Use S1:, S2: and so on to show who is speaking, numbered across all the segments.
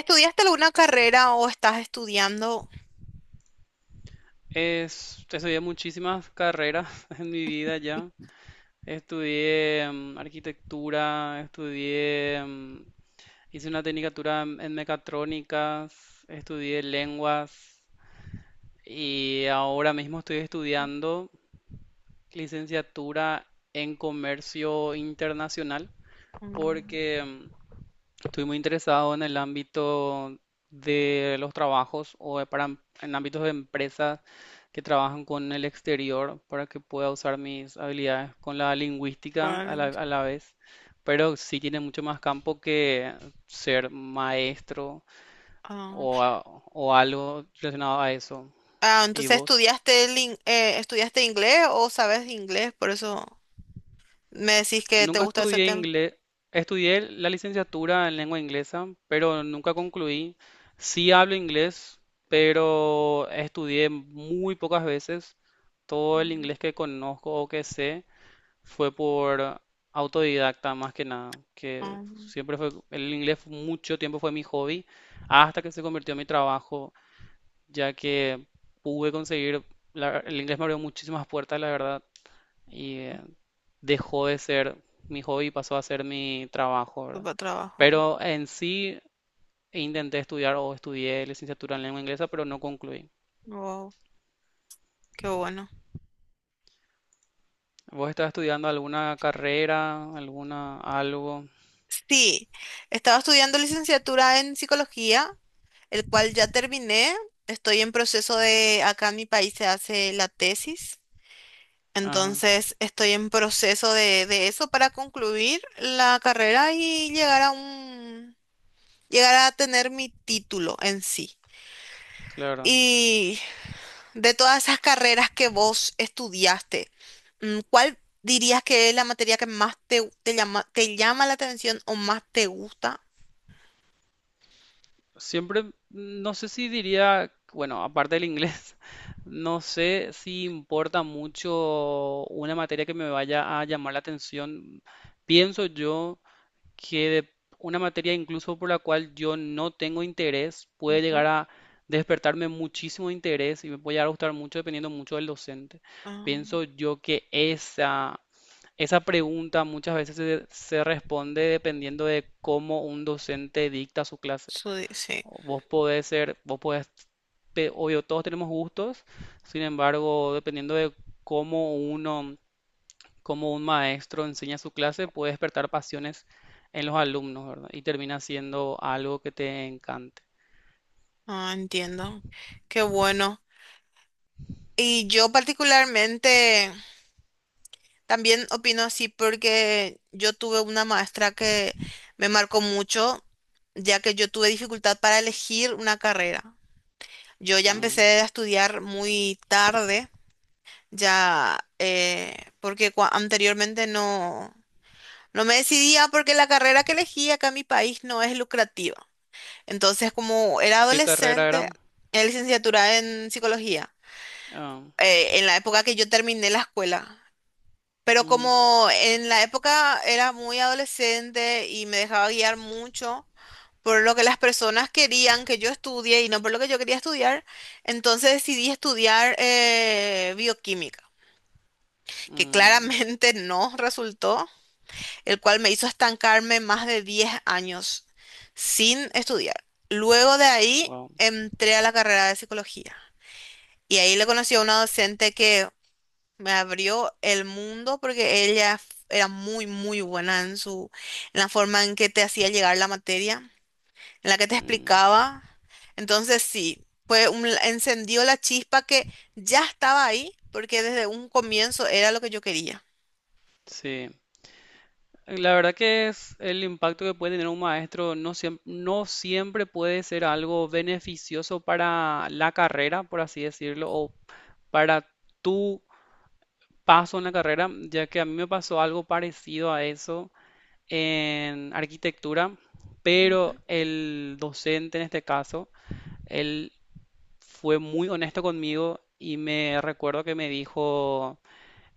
S1: ¿Estudiaste alguna carrera o estás estudiando?
S2: Estudié muchísimas carreras en mi vida ya. Estudié arquitectura, estudié, hice una tecnicatura en mecatrónicas, estudié lenguas y ahora mismo estoy estudiando licenciatura en comercio internacional
S1: Mm,
S2: porque estoy muy interesado en el ámbito de los trabajos o de para, en ámbitos de empresas que trabajan con el exterior para que pueda usar mis habilidades con la lingüística a
S1: vale.
S2: la vez, pero sí tiene mucho más campo que ser maestro
S1: Ah,
S2: o, o algo relacionado a eso.
S1: ah,
S2: ¿Y
S1: entonces
S2: vos?
S1: estudiaste estudiaste inglés o sabes inglés, por eso me decís que te
S2: Nunca
S1: gusta ese
S2: estudié
S1: tema.
S2: inglés, estudié la licenciatura en lengua inglesa, pero nunca concluí. Sí hablo inglés, pero estudié muy pocas veces. Todo el
S1: Mm.
S2: inglés que conozco o que sé fue por autodidacta más que nada, que
S1: Ah,
S2: siempre fue, el inglés mucho tiempo fue mi hobby, hasta que se convirtió en mi trabajo, ya que pude conseguir, el inglés me abrió muchísimas puertas, la verdad, y dejó de ser mi hobby y pasó a ser mi trabajo, ¿verdad?
S1: para trabajo.
S2: Pero en sí intenté estudiar o estudié licenciatura en lengua inglesa, pero no concluí.
S1: Wow, qué bueno.
S2: ¿Vos estás estudiando alguna carrera, alguna algo?
S1: Sí, estaba estudiando licenciatura en psicología, el cual ya terminé. Estoy en proceso de acá en mi país se hace la tesis,
S2: Ajá,
S1: entonces estoy en proceso de eso para concluir la carrera y llegar a llegar a tener mi título en sí.
S2: claro.
S1: Y de todas esas carreras que vos estudiaste, ¿cuál dirías que es la materia que más te llama la atención o más te gusta?
S2: Siempre, no sé si diría, bueno, aparte del inglés, no sé si importa mucho una materia que me vaya a llamar la atención. Pienso yo que una materia incluso por la cual yo no tengo interés puede llegar
S1: Ujú.
S2: a despertarme muchísimo interés y me puede llegar a gustar mucho dependiendo mucho del docente.
S1: Ah,
S2: Pienso yo que esa pregunta muchas veces se responde dependiendo de cómo un docente dicta su clase.
S1: eso sí.
S2: Vos podés ser, vos podés, obvio, todos tenemos gustos, sin embargo, dependiendo de cómo uno cómo un maestro enseña su clase puede despertar pasiones en los alumnos, ¿verdad? Y termina siendo algo que te encante.
S1: Ah, entiendo. Qué bueno. Y yo particularmente también opino así porque yo tuve una maestra que me marcó mucho, ya que yo tuve dificultad para elegir una carrera. Yo ya
S2: Ah,
S1: empecé a estudiar muy tarde. Ya, eh, Porque anteriormente no me decidía porque la carrera que elegí acá en mi país no es lucrativa. Entonces, como era
S2: ¿qué carrera era?
S1: adolescente, era licenciatura en psicología,
S2: Ah,
S1: en la época que yo terminé la escuela. Pero
S2: ujú,
S1: como en la época era muy adolescente y me dejaba guiar mucho por lo que las personas querían que yo estudie y no por lo que yo quería estudiar, entonces decidí estudiar bioquímica, que
S2: mm,
S1: claramente no resultó, el cual me hizo estancarme más de 10 años sin estudiar. Luego de ahí
S2: wow,
S1: entré a la carrera de psicología y ahí le conocí a una docente que me abrió el mundo porque era muy, muy buena en en la forma en que te hacía llegar la materia, en la que te
S2: mm,
S1: explicaba. Entonces sí, encendió la chispa que ya estaba ahí porque desde un comienzo era lo que yo quería.
S2: sí. La verdad que es el impacto que puede tener un maestro, no siempre, no siempre puede ser algo beneficioso para la carrera, por así decirlo, o para tu paso en la carrera, ya que a mí me pasó algo parecido a eso en arquitectura, pero el docente en este caso, él fue muy honesto conmigo y me recuerdo que me dijo,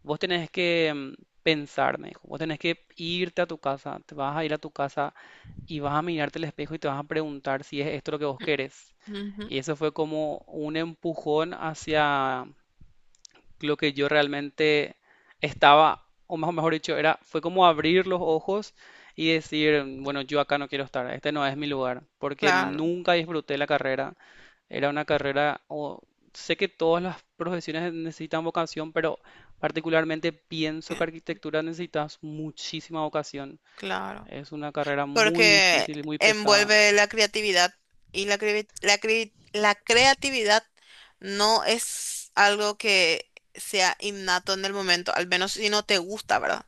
S2: vos tenés que pensar, me dijo, vos tenés que irte a tu casa, te vas a ir a tu casa y vas a mirarte al espejo y te vas a preguntar si es esto lo que vos querés.
S1: Ujú.
S2: Y eso fue como un empujón hacia lo que yo realmente estaba, o mejor dicho, era, fue como abrir los ojos y decir, bueno, yo acá no quiero estar, este no es mi lugar, porque
S1: Claro,
S2: nunca disfruté la carrera. Era una carrera, o sé que todas las profesiones necesitan vocación, pero particularmente pienso que
S1: que-
S2: arquitectura necesitas muchísima vocación.
S1: claro.
S2: Es una carrera muy
S1: Porque
S2: difícil y muy pesada.
S1: envuelve la creatividad y la creatividad no es algo que sea innato en el momento, al menos si no te gusta, ¿verdad?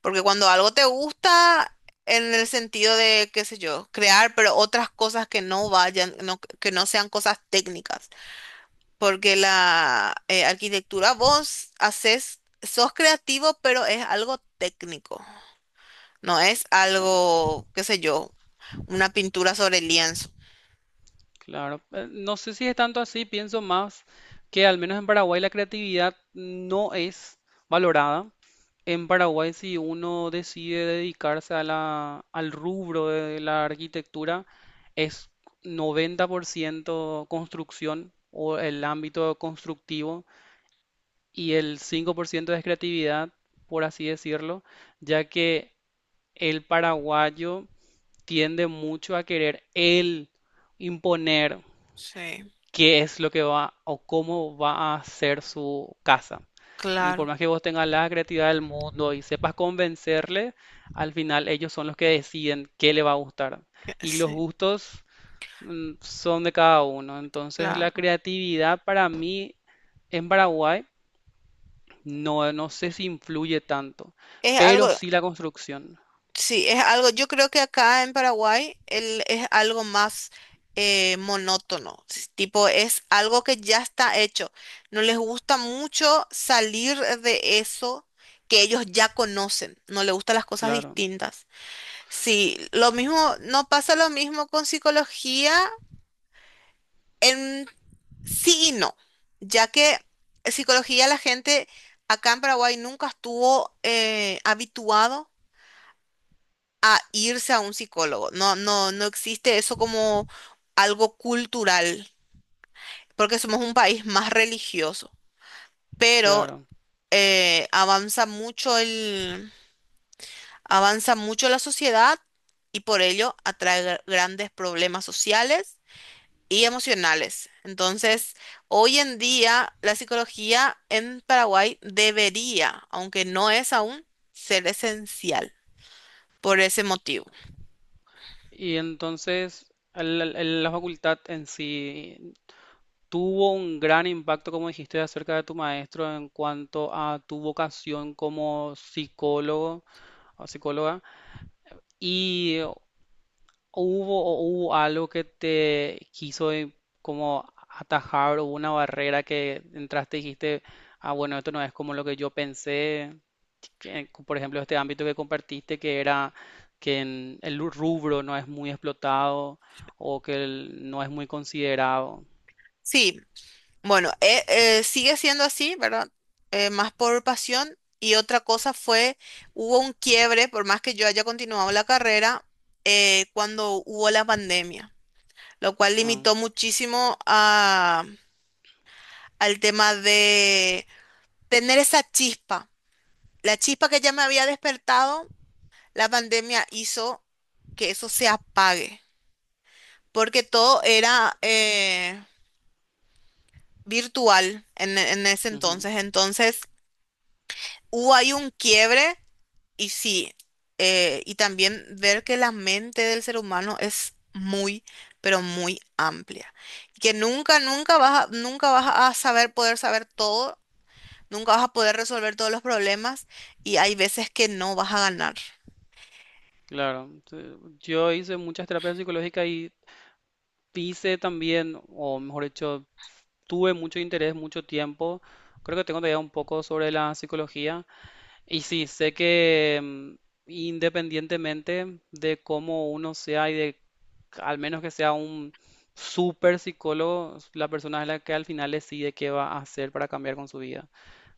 S1: Porque cuando algo te gusta en el sentido de, qué sé yo, crear, pero otras cosas que no que no sean cosas técnicas. Porque la arquitectura vos haces, sos creativo, pero es algo técnico. No es algo, qué sé yo, una pintura sobre lienzo.
S2: Claro, no sé si es tanto así, pienso más que al menos en Paraguay la creatividad no es valorada. En Paraguay, si uno decide dedicarse a al rubro de la arquitectura, es 90% construcción o el ámbito constructivo y el 5% es creatividad, por así decirlo, ya que el paraguayo tiende mucho a querer él imponer
S1: Sí,
S2: qué es lo que va o cómo va a ser su casa. Y por
S1: claro,
S2: más que vos tengas la creatividad del mundo y sepas convencerle, al final ellos son los que deciden qué le va a gustar.
S1: que
S2: Y los
S1: sí,
S2: gustos son de cada uno. Entonces la
S1: claro.
S2: creatividad para mí en Paraguay no sé si influye tanto,
S1: Es algo,
S2: pero sí la construcción.
S1: sí, es algo, yo creo que acá en Paraguay es algo más monótono, tipo es algo que ya está hecho. No les gusta mucho salir de eso que ellos ya conocen, no les gustan las cosas
S2: Claro,
S1: distintas. Sí, lo mismo, no pasa lo mismo con psicología en sí y no, ya que psicología la gente acá en Paraguay nunca estuvo habituado a irse a un psicólogo. No, no, no existe eso como algo cultural, porque somos un país más religioso. Pero
S2: claro.
S1: eh, avanza mucho el, avanza mucho la sociedad y por ello atrae grandes problemas sociales y emocionales. Entonces, hoy en día la psicología en Paraguay debería, aunque no es aún, ser esencial por ese motivo.
S2: Y entonces la facultad en sí tuvo un gran impacto, como dijiste, acerca de tu maestro en cuanto a tu vocación como psicólogo o psicóloga. ¿Y hubo, o hubo algo que te quiso como atajar o una barrera que entraste y dijiste, ah, bueno, esto no es como lo que yo pensé? Que, por ejemplo, este ámbito que compartiste, que era que en el rubro no es muy explotado o que no es muy considerado.
S1: Sí, bueno, sigue siendo así, ¿verdad? Más por pasión. Y otra cosa fue, hubo un quiebre, por más que yo haya continuado la carrera, cuando hubo la pandemia, lo cual
S2: Ah,
S1: limitó muchísimo al tema de tener esa chispa. La chispa que ya me había despertado, la pandemia hizo que eso se apague, porque todo era virtual en ese
S2: ujú.
S1: entonces. Entonces, hubo ahí un quiebre. Y sí, y también ver que la mente del ser humano es muy, pero muy amplia. Y que nunca, nunca vas a saber poder saber todo, nunca vas a poder resolver todos los problemas y hay veces que no vas a ganar.
S2: Claro, yo hice muchas terapias psicológicas y hice también, o mejor dicho, tuve mucho interés, mucho tiempo. Creo que tengo todavía un poco sobre la psicología. Y sí, sé que independientemente de cómo uno sea y de, al menos que sea un super psicólogo, la persona es la que al final decide qué va a hacer para cambiar con su vida.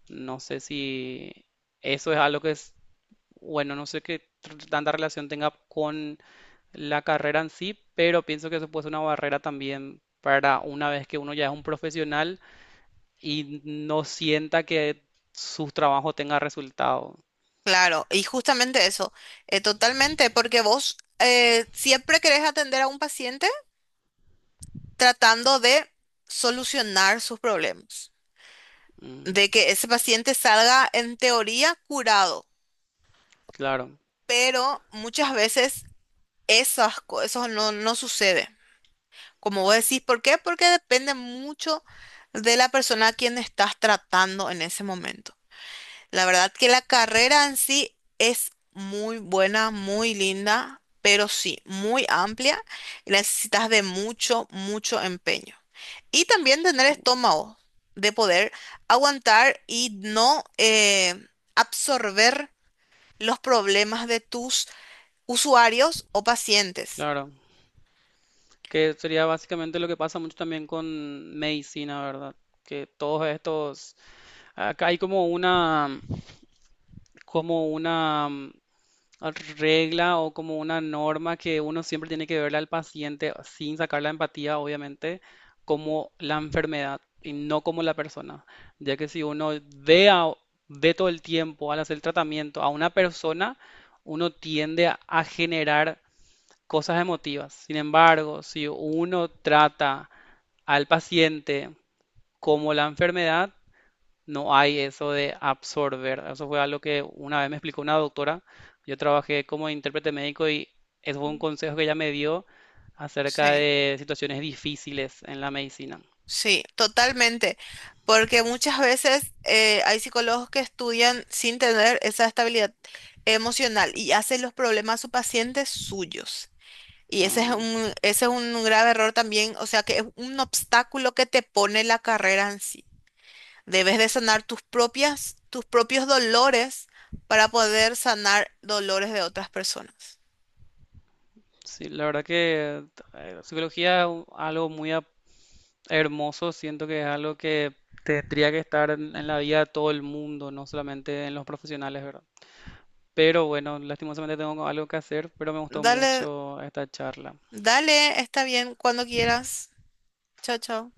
S2: No sé si eso es algo que es, bueno, no sé qué tanta relación tenga la carrera en sí, pero pienso que eso puede ser una barrera también para una vez que uno ya es un profesional y no sienta que su trabajo tenga resultado.
S1: Claro, y justamente eso, totalmente, porque vos siempre querés atender a un paciente tratando de solucionar sus problemas,
S2: Mm,
S1: de que ese paciente salga en teoría curado.
S2: claro,
S1: Pero muchas veces esas cosas no sucede. Como vos decís, ¿por qué? Porque depende mucho de la persona a quien estás tratando en ese momento. La verdad que la carrera en sí es muy buena, muy linda, pero sí, muy amplia y necesitas de mucho, mucho empeño. Y también tener estómago de poder aguantar y no absorber los problemas de tus usuarios o pacientes.
S2: claro. Que sería básicamente lo que pasa mucho también con medicina, ¿verdad? Que todos estos, acá hay como una regla o como una norma que uno siempre tiene que verle al paciente sin sacar la empatía, obviamente, como la enfermedad y no como la persona. Ya que si uno ve, ve todo el tiempo al hacer tratamiento a una persona, uno tiende a generar cosas emotivas. Sin embargo, si uno trata al paciente como la enfermedad, no hay eso de absorber. Eso fue algo que una vez me explicó una doctora. Yo trabajé como intérprete médico y eso fue un consejo que ella me dio acerca
S1: Sí,
S2: de situaciones difíciles en la medicina.
S1: sí, totalmente, porque muchas veces hay psicólogos que estudian sin tener esa estabilidad emocional y hacen los problemas a sus pacientes suyos. Y ese es
S2: Mm,
S1: ese es un grave error también, o sea que es un obstáculo que te pone la carrera en sí. Debes de sanar tus propias, tus propios dolores para poder sanar dolores de otras personas.
S2: sí, la verdad que psicología es algo muy hermoso. Siento que es algo que tendría que estar en la vida de todo el mundo, no solamente en los profesionales, ¿verdad? Pero bueno, lastimosamente tengo algo que hacer, pero me gustó
S1: Dale,
S2: mucho esta charla.
S1: dale, está bien, cuando quieras. Chao, chao.